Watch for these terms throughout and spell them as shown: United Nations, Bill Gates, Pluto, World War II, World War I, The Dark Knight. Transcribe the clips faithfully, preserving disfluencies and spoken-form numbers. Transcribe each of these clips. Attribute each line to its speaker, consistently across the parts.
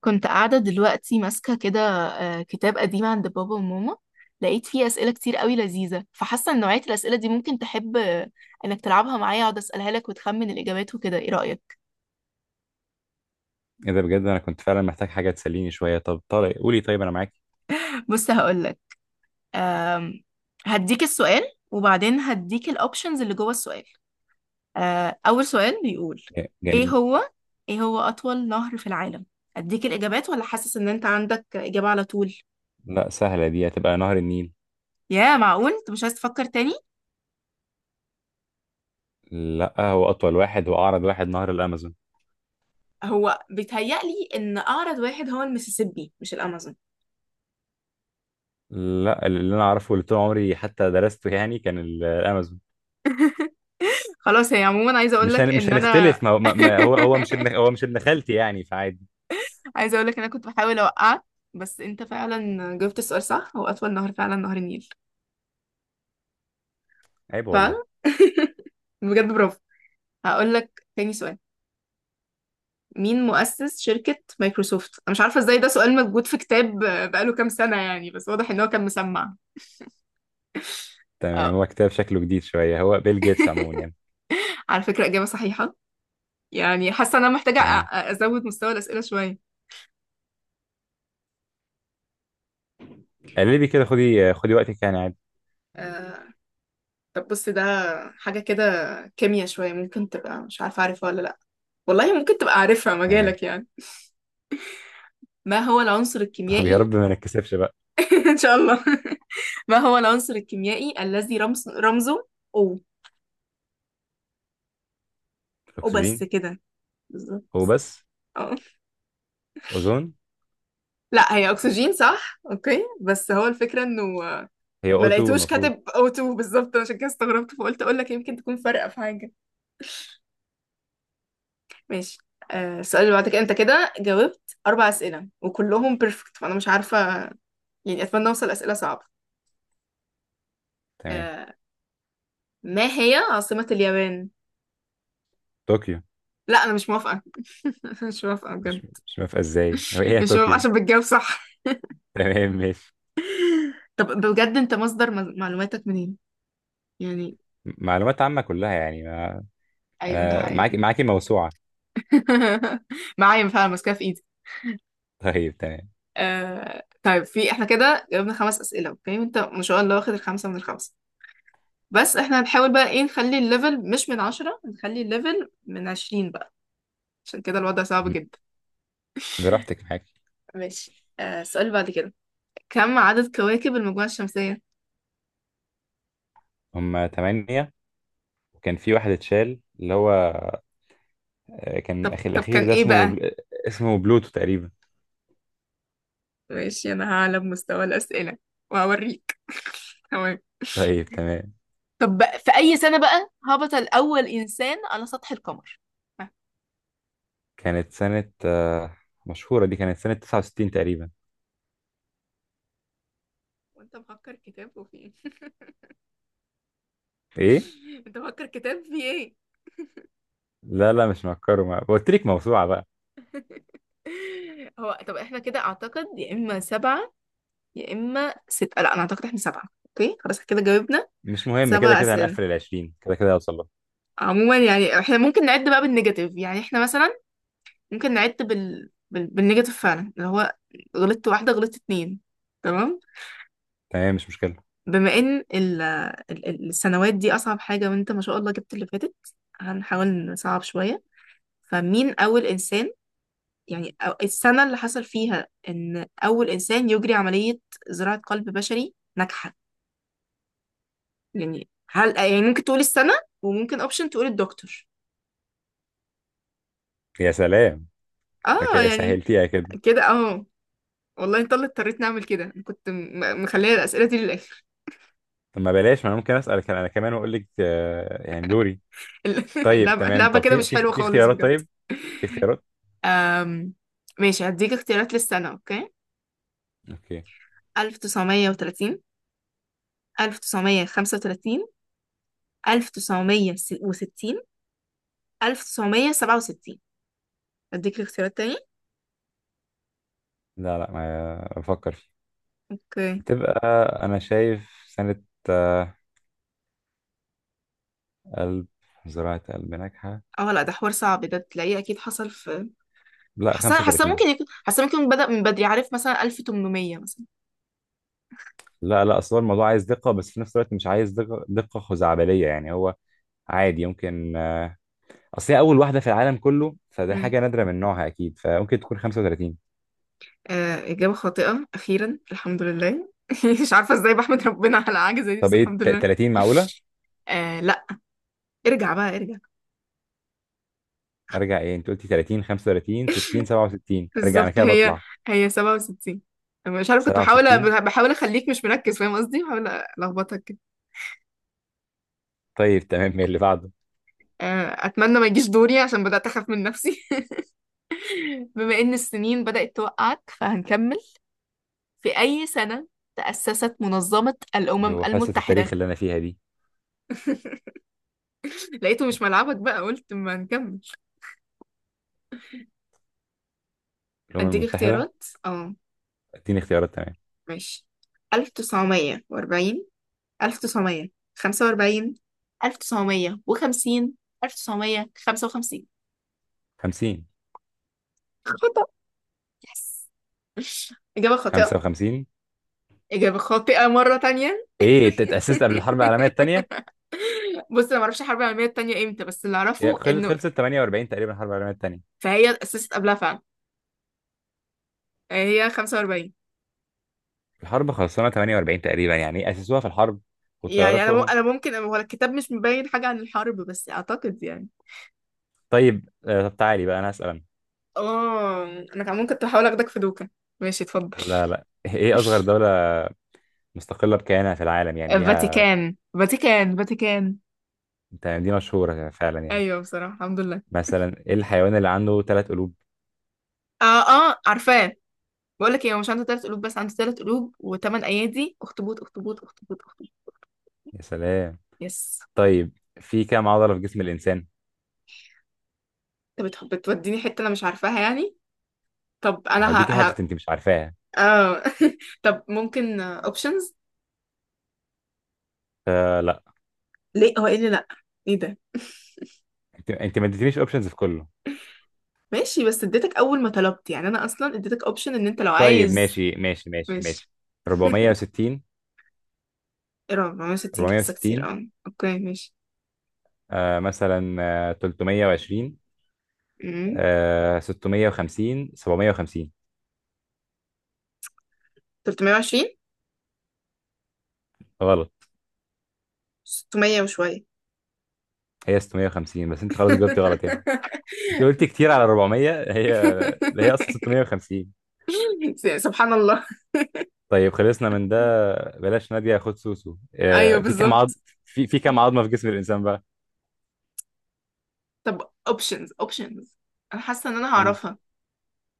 Speaker 1: كنت قاعدة دلوقتي ماسكة كده، آه، كتاب قديم عند بابا وماما. لقيت فيه أسئلة كتير قوي لذيذة، فحاسة إن نوعية الأسئلة دي ممكن تحب، آه، إنك تلعبها معايا. أقعد أسألها لك وتخمن الإجابات وكده، إيه رأيك؟
Speaker 2: ايه ده بجد. انا كنت فعلا محتاج حاجه تسليني شويه. طب طارق قولي، طيب انا معاك.
Speaker 1: بص هقولك. آم، هديك السؤال وبعدين هديك الأوبشنز اللي جوه السؤال. آه، أول سؤال بيقول
Speaker 2: ج-
Speaker 1: إيه
Speaker 2: جميل.
Speaker 1: هو، إيه هو أطول نهر في العالم؟ أديك الإجابات ولا حاسس إن أنت عندك إجابة على طول؟
Speaker 2: لا، سهله دي، هتبقى نهر النيل.
Speaker 1: يا معقول؟ أنت مش عايز تفكر تاني؟
Speaker 2: لا، هو اطول واحد واعرض واحد نهر الامازون.
Speaker 1: هو بيتهيألي ان اعرض واحد هو المسيسيبي مش الامازون.
Speaker 2: لا، اللي انا اعرفه واللي طول عمري حتى درسته يعني كان ال- الامازون.
Speaker 1: خلاص، هي عموما عايزه اقول
Speaker 2: مش
Speaker 1: لك
Speaker 2: هن... مش
Speaker 1: ان انا
Speaker 2: هنختلف، ما هو ما... ما هو، هو مش ابن، هو مش ابن خالتي، يعني فعادي.
Speaker 1: عايزه اقول لك ان انا كنت بحاول اوقعك، بس انت فعلا جاوبت السؤال صح. هو اطول نهر فعلا نهر النيل.
Speaker 2: عيب
Speaker 1: ف
Speaker 2: والله.
Speaker 1: بجد برافو. هقول لك تاني سؤال. مين مؤسس شركة مايكروسوفت؟ أنا مش عارفة إزاي ده سؤال موجود في كتاب بقاله كام سنة يعني، بس واضح إن هو كان مسمع.
Speaker 2: تمام،
Speaker 1: أه،
Speaker 2: هو كتاب شكله جديد شويه. هو بيل جيتس عموما يعني.
Speaker 1: على فكرة إجابة صحيحة. يعني حاسة إن أنا محتاجة أ- أ-
Speaker 2: تمام.
Speaker 1: أزود مستوى الأسئلة شوية.
Speaker 2: قلبي كده، خدي خدي وقتك يعني، عادي.
Speaker 1: آه، طب بص ده حاجة كده، كيمياء شوية. ممكن تبقى مش عارفة، عارفها ولا لأ؟ والله ممكن تبقى عارفها،
Speaker 2: تمام.
Speaker 1: مجالك يعني. ما هو العنصر
Speaker 2: طب يا
Speaker 1: الكيميائي
Speaker 2: رب ما نتكسفش بقى.
Speaker 1: إن شاء الله. ما هو العنصر الكيميائي الذي رمز رمزه أو؟ أو بس
Speaker 2: الاكسجين.
Speaker 1: كده؟ بالظبط.
Speaker 2: هو بس.
Speaker 1: اه،
Speaker 2: اوزون.
Speaker 1: لا هي أكسجين صح، أوكي، بس هو الفكرة إنه
Speaker 2: هي
Speaker 1: ما
Speaker 2: اوتو
Speaker 1: لقيتوش
Speaker 2: المفروض.
Speaker 1: كاتب أو اتنين بالظبط، عشان كده استغربت، فقلت أقول لك يمكن تكون فارقة في حاجة. ماشي. آه، السؤال اللي بعدك، أنت كده جاوبت أربع أسئلة وكلهم بيرفكت، فأنا مش عارفة، يعني أتمنى أوصل أسئلة صعبة.
Speaker 2: تمام.
Speaker 1: آه، ما هي عاصمة اليابان؟
Speaker 2: طوكيو.
Speaker 1: لا أنا مش موافقة. مش موافقة
Speaker 2: مش
Speaker 1: بجد.
Speaker 2: مش موافقة ازاي؟ هو ايه؟ هي
Speaker 1: مش موافقة
Speaker 2: طوكيو.
Speaker 1: عشان بتجاوب صح.
Speaker 2: تمام ماشي.
Speaker 1: طب بجد أنت مصدر مز- معلوماتك منين؟ يعني
Speaker 2: م- معلومات عامة كلها يعني ما...
Speaker 1: أيوه ده
Speaker 2: انا معاكي
Speaker 1: حقيقي.
Speaker 2: معاكي موسوعة.
Speaker 1: معايا فعلا ماسكاها في إيدي.
Speaker 2: طيب تمام.
Speaker 1: آه... طيب في احنا كده جاوبنا خمس أسئلة، أوكي، أنت ما شاء الله واخد الخمسة من الخمسة، بس احنا هنحاول بقى إيه، نخلي الليفل مش من عشرة، نخلي الليفل من عشرين بقى، عشان كده الوضع صعب
Speaker 2: م-
Speaker 1: جدا.
Speaker 2: براحتك معاكي.
Speaker 1: ماشي، آه، السؤال اللي بعد كده، كم عدد كواكب المجموعة الشمسية؟
Speaker 2: هما تمانية، وكان في واحد اتشال اللي هو آه، كان
Speaker 1: طب
Speaker 2: اخي
Speaker 1: طب كان
Speaker 2: الاخير ده
Speaker 1: إيه
Speaker 2: اسمه
Speaker 1: بقى؟
Speaker 2: بل... اسمه بلوتو تقريبا.
Speaker 1: ماشي، انا هعلى بمستوى الاسئله وهوريك. تمام.
Speaker 2: طيب تمام.
Speaker 1: طب بقى، في أي سنة بقى هبط الأول إنسان على سطح القمر؟ ها،
Speaker 2: كانت سنة آه، مشهورة دي، كانت سنة تسعة وستين تقريبا.
Speaker 1: وانت مفكر كتاب وفي ايه؟
Speaker 2: ايه؟
Speaker 1: انت مفكر كتاب في ايه؟
Speaker 2: لا لا مش مفكره، ما قلت لك موسوعة بقى.
Speaker 1: هو طب احنا كده اعتقد يا اما سبعة يا اما ستة. لا انا اعتقد احنا سبعة، اوكي خلاص إحنا كده جاوبنا
Speaker 2: مش مهم، كده
Speaker 1: سبع
Speaker 2: كده
Speaker 1: اسئلة.
Speaker 2: هنقفل ال عشرين، كده كده هوصل لها.
Speaker 1: عموما يعني احنا ممكن نعد بقى بالنيجاتيف، يعني احنا مثلا ممكن نعد بال... بال... بالنيجاتيف فعلا، اللي هو غلطت واحدة غلطت اتنين. تمام،
Speaker 2: تمام، مش مشكلة.
Speaker 1: بما ان ال- ال- السنوات دي اصعب حاجة، وانت ما شاء الله جبت اللي فاتت، هنحاول نصعب شوية. فمين اول انسان، يعني أو، السنة اللي حصل فيها ان اول انسان يجري عملية زراعة قلب بشري ناجحة. يعني هل، يعني ممكن تقول السنة، وممكن اوبشن تقول الدكتور.
Speaker 2: يا سلام، ده
Speaker 1: اه
Speaker 2: كده
Speaker 1: يعني
Speaker 2: سهلتيها كده.
Speaker 1: كده اه. والله انت اللي اضطريت نعمل كده، أنا كنت م- مخليه الاسئلة دي للاخر.
Speaker 2: طب ما بلاش، ما انا ممكن اسالك انا كمان واقول لك آه، يعني دوري. طيب
Speaker 1: اللعبة
Speaker 2: تمام.
Speaker 1: اللعبة
Speaker 2: طب
Speaker 1: كده
Speaker 2: في
Speaker 1: مش
Speaker 2: في
Speaker 1: حلوة
Speaker 2: في
Speaker 1: خالص
Speaker 2: اختيارات؟
Speaker 1: بجد.
Speaker 2: طيب في اختيارات.
Speaker 1: أم... ماشي، هديك اختيارات للسنة، اوكي.
Speaker 2: اوكي.
Speaker 1: ألف تسعمية وتلاتين، ألف تسعمية خمسة وتلاتين، ألف تسعمية وستين، ألف تسعمية سبعة وستين. أديك الاختيارات تاني؟
Speaker 2: لا لا ما بفكر فيه.
Speaker 1: أوكي.
Speaker 2: هتبقى، انا شايف سنة آه، قلب، زراعة قلب ناجحة.
Speaker 1: اه لا ده حوار صعب، ده تلاقيه أكيد حصل في.
Speaker 2: لا،
Speaker 1: حاسة حاسة
Speaker 2: خمسة وتلاتين.
Speaker 1: ممكن يكون، حاسة ممكن يكون بدأ من بدري، عارف، مثلا ألف تمنمية مثلا.
Speaker 2: لا لا اصل هو الموضوع عايز دقة، بس في نفس الوقت مش عايز دقة دقة خزعبلية يعني. هو عادي يمكن، آه، اصل هي اول واحدة في العالم كله، فده
Speaker 1: مم.
Speaker 2: حاجة نادرة من نوعها اكيد، فممكن تكون خمسة وتلاتين.
Speaker 1: آه إجابة خاطئة أخيرا الحمد لله. مش عارفة ازاي بحمد ربنا على حاجة زي دي، بس
Speaker 2: طب ايه
Speaker 1: الحمد
Speaker 2: ت-
Speaker 1: لله.
Speaker 2: تلاتين معقولة؟
Speaker 1: آه لا، ارجع بقى ارجع.
Speaker 2: ارجع ايه، انت قلتي تلاتين، خمسة وتلاتين، ستين، سبعة وستين. ارجع انا
Speaker 1: بالظبط،
Speaker 2: كده
Speaker 1: هي
Speaker 2: بطلع.
Speaker 1: هي سبعة وستين. مش عارف، كنت بحاول
Speaker 2: سبعة وستين.
Speaker 1: بحاول اخليك مش مركز، فاهم قصدي، بحاول الخبطك كده.
Speaker 2: طيب تمام، إيه اللي بعده؟
Speaker 1: آه، اتمنى ما يجيش دوري عشان بدات اخاف من نفسي. بما ان السنين بدات توقعك فهنكمل. في اي سنه تاسست منظمه الامم
Speaker 2: يو، حصة
Speaker 1: المتحده؟
Speaker 2: التاريخ اللي انا فيها دي.
Speaker 1: لقيته مش ملعبك بقى، قلت ما نكمل.
Speaker 2: الامم
Speaker 1: اديك
Speaker 2: المتحدة.
Speaker 1: اختيارات، اه،
Speaker 2: اديني اختيارات. تمام.
Speaker 1: ماشي. ألف تسعمية وأربعين، ألف تسعمية خمسة وأربعين، ألف تسعمية وخمسين، ألف تسعمية خمسة وخمسين.
Speaker 2: خمسين.
Speaker 1: يس، إجابة خاطئة.
Speaker 2: خمسة وخمسين.
Speaker 1: إجابة خاطئة مرة تانية.
Speaker 2: ايه انت، اتأسست قبل الحرب العالمية التانية؟
Speaker 1: بص، أنا معرفش الحرب العالمية التانية إمتى، بس اللي
Speaker 2: يا
Speaker 1: أعرفه
Speaker 2: خل-
Speaker 1: إنه،
Speaker 2: خلصت تمنية وأربعين تقريبا الحرب العالمية التانية.
Speaker 1: فهي اتأسست قبلها فعلا، يعني هي خمسة وأربعين.
Speaker 2: الحرب خلصانة تمنية وأربعين تقريبا، يعني إيه اسسوها في الحرب
Speaker 1: يعني
Speaker 2: والطيارات
Speaker 1: أنا مم...
Speaker 2: فوقهم؟
Speaker 1: أنا ممكن، هو الكتاب مش مبين حاجة عن الحرب، بس أعتقد يعني.
Speaker 2: طيب، آه، طب تعالي بقى انا اسأل أنا.
Speaker 1: آه. أنا كان ممكن كنت بحاول أخدك في دوكا. ماشي، اتفضل.
Speaker 2: لا لا ايه اصغر دولة مستقلة بكيانها في العالم، يعني ليها؟
Speaker 1: فاتيكان فاتيكان فاتيكان
Speaker 2: يعني دي مشهورة فعلا يعني.
Speaker 1: أيوه بصراحة الحمد لله.
Speaker 2: مثلا ايه الحيوان اللي عنده ثلاث قلوب؟
Speaker 1: آه، آه عارفاه. بقول لك إيه، هو مش عنده تلات قلوب، بس عنده تلات قلوب وتمن أيادي. أخطبوط أخطبوط أخطبوط أخطبوط
Speaker 2: يا سلام.
Speaker 1: يس.
Speaker 2: طيب، في كام عضلة في جسم الإنسان؟
Speaker 1: انت بتح- بتوديني حتة انا مش عارفاها يعني. طب انا
Speaker 2: هديكي
Speaker 1: ه... ه...
Speaker 2: حتة انت مش عارفاها.
Speaker 1: آه. طب ممكن اوبشنز؟
Speaker 2: فلا.
Speaker 1: ليه؟ هو ايه اللي لا؟ ايه ده؟
Speaker 2: انت انت ما اديتنيش اوبشنز في كله.
Speaker 1: ماشي، بس اديتك اول ما طلبت، يعني انا اصلا اديتك اوبشن ان انت لو
Speaker 2: طيب
Speaker 1: عايز.
Speaker 2: ماشي ماشي ماشي
Speaker 1: ماشي.
Speaker 2: ماشي أربعمية وستين.
Speaker 1: ايه رقم أربعمية وستين؟ حاسه كتير،
Speaker 2: أربعمية وستين.
Speaker 1: اه اوكي ماشي.
Speaker 2: آه مثلا، آه تلتمية وعشرين،
Speaker 1: امم،
Speaker 2: آه ستمية وخمسين، سبعمية وخمسين.
Speaker 1: تلتمية وعشرين،
Speaker 2: غلط.
Speaker 1: ستمية وشويه.
Speaker 2: هي ستمية وخمسين، بس انت خلاص جاوبتي غلط يعني. انت قلتي كتير على أربعمية، هي هي اصلا ستمية وخمسين.
Speaker 1: سبحان الله.
Speaker 2: طيب خلصنا من ده. بلاش نادية خد سوسو.
Speaker 1: ايوه
Speaker 2: آه، في كام عظم؟
Speaker 1: بالظبط.
Speaker 2: في في كام عظمة في جسم الإنسان بقى؟
Speaker 1: طب اوبشنز، اوبشنز، انا حاسه ان انا
Speaker 2: اوبشنز.
Speaker 1: هعرفها.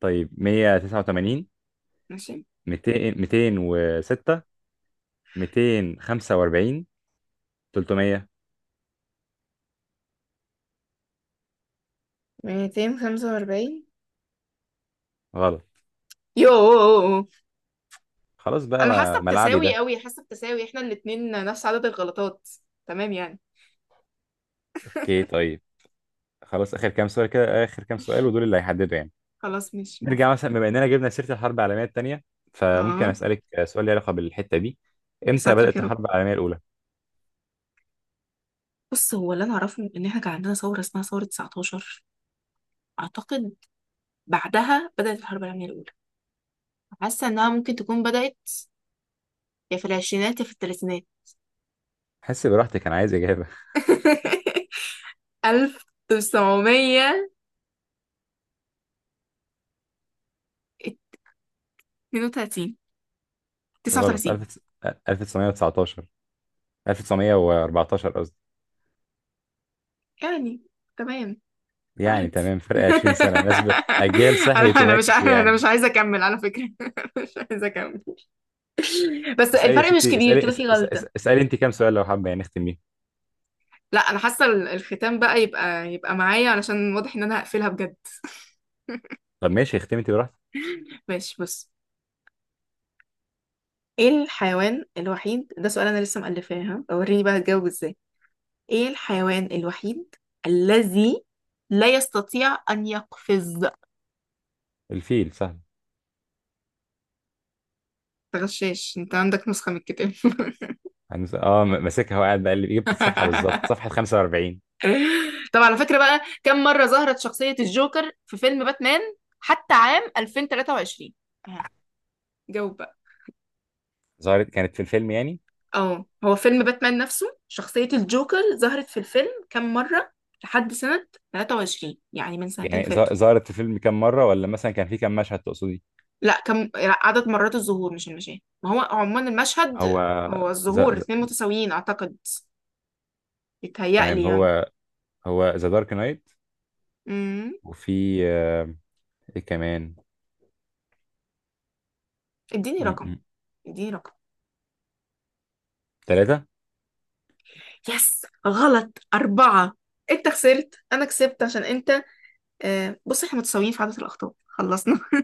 Speaker 2: طيب مية وتسعة وتمانين،
Speaker 1: ماشي.
Speaker 2: ميتين، ميتين وستة، ميتين خمسة وأربعين، تلتمية.
Speaker 1: ميتين خمسة وأربعين.
Speaker 2: غلط.
Speaker 1: يوه.
Speaker 2: خلاص بقى،
Speaker 1: أنا
Speaker 2: ما-
Speaker 1: حاسة
Speaker 2: ملعبي
Speaker 1: بتساوي
Speaker 2: ده.
Speaker 1: قوي، حاسة بتساوي احنا الاتنين نفس عدد الغلطات. تمام يعني.
Speaker 2: اوكي طيب. خلاص آخر كام سؤال كده، آخر كام سؤال ودول اللي هيحددوا يعني.
Speaker 1: خلاص ماشي
Speaker 2: نرجع
Speaker 1: موافقة.
Speaker 2: مثلا، بما إننا جبنا سيرة الحرب العالمية التانية، فممكن
Speaker 1: اه.
Speaker 2: أسألك سؤال له علاقة بالحتة دي. إمتى
Speaker 1: يساترك يا
Speaker 2: بدأت
Speaker 1: رب.
Speaker 2: الحرب العالمية الأولى؟
Speaker 1: بص، هو اللي أنا أعرفه إن احنا كان عندنا ثورة اسمها ثورة تسعتاشر أعتقد، بعدها بدأت الحرب العالمية الأولى. حاسة إنها ممكن تكون بدأت، يا في العشرينات يا في الثلاثينات.
Speaker 2: حس براحتك، أنا عايز إجابة.
Speaker 1: ألف تسعمية اتنين وتلاتين،
Speaker 2: غلط.
Speaker 1: تسعة وتلاتين،
Speaker 2: ألف تسعمية تسعتاشر. ألف تسعمية وأربعة عشر قصدي.
Speaker 1: يعني تمام.
Speaker 2: يعني
Speaker 1: عادي.
Speaker 2: تمام، فرق عشرين سنة، ناس ب- أجيال
Speaker 1: انا
Speaker 2: صحيت
Speaker 1: انا مش
Speaker 2: وماتت
Speaker 1: انا مش
Speaker 2: ويعني.
Speaker 1: عايزه اكمل على فكره. مش عايزه اكمل. بس
Speaker 2: اسألي يا
Speaker 1: الفرق مش
Speaker 2: ستي،
Speaker 1: كبير
Speaker 2: اسألي
Speaker 1: كده
Speaker 2: اس-
Speaker 1: في
Speaker 2: اس-
Speaker 1: غلطه.
Speaker 2: اس- اسألي أنت كام سؤال لو حابة يعني نختم بيه.
Speaker 1: لا انا حاسه ال- الختام بقى يبقى يبقى معايا، علشان واضح ان انا هقفلها بجد.
Speaker 2: طب ماشي، اختمي أنت براحتك.
Speaker 1: ماشي بص، ايه الحيوان الوحيد، ده سؤال انا لسه مألفاها، وريني بقى هتجاوب ازاي. ايه الحيوان الوحيد الذي لا يستطيع ان يقفز؟
Speaker 2: الفيل سهل.
Speaker 1: تغشاش؟ انت عندك نسخه من الكتاب؟
Speaker 2: هنس- اه م- ماسكها وقاعد بقلب، جبت الصفحة بالظبط صفحة خمسة وأربعين.
Speaker 1: طب على فكرة بقى، كم مرة ظهرت شخصية الجوكر في فيلم باتمان حتى عام ألفين وتلاتة وعشرين؟ ها، جاوب بقى.
Speaker 2: ظهرت كانت في الفيلم يعني؟
Speaker 1: اه، هو فيلم باتمان نفسه، شخصية الجوكر ظهرت في الفيلم كم مرة لحد سنة تلاتة وعشرين، يعني من سنتين
Speaker 2: يعني ظ-
Speaker 1: فاتوا.
Speaker 2: ظهرت في الفيلم كام مرة، ولا مثلا كان في كام مشهد تقصدي؟
Speaker 1: لا كم، لا، عدد مرات الظهور مش المشاهد، ما هو عموما المشهد
Speaker 2: هو
Speaker 1: هو،
Speaker 2: ز...
Speaker 1: الظهور
Speaker 2: ز...
Speaker 1: اتنين متساويين اعتقد، بيتهيألي
Speaker 2: تمام.
Speaker 1: يعني.
Speaker 2: هو هو ذا دارك نايت،
Speaker 1: امم.
Speaker 2: وفي آه، ايه كمان.
Speaker 1: اديني رقم، اديني رقم.
Speaker 2: ثلاثة.
Speaker 1: يس غلط، أربعة. انت خسرت، انا كسبت، عشان انت، آه، بص احنا متساويين في عدد الأخطاء. خلصنا.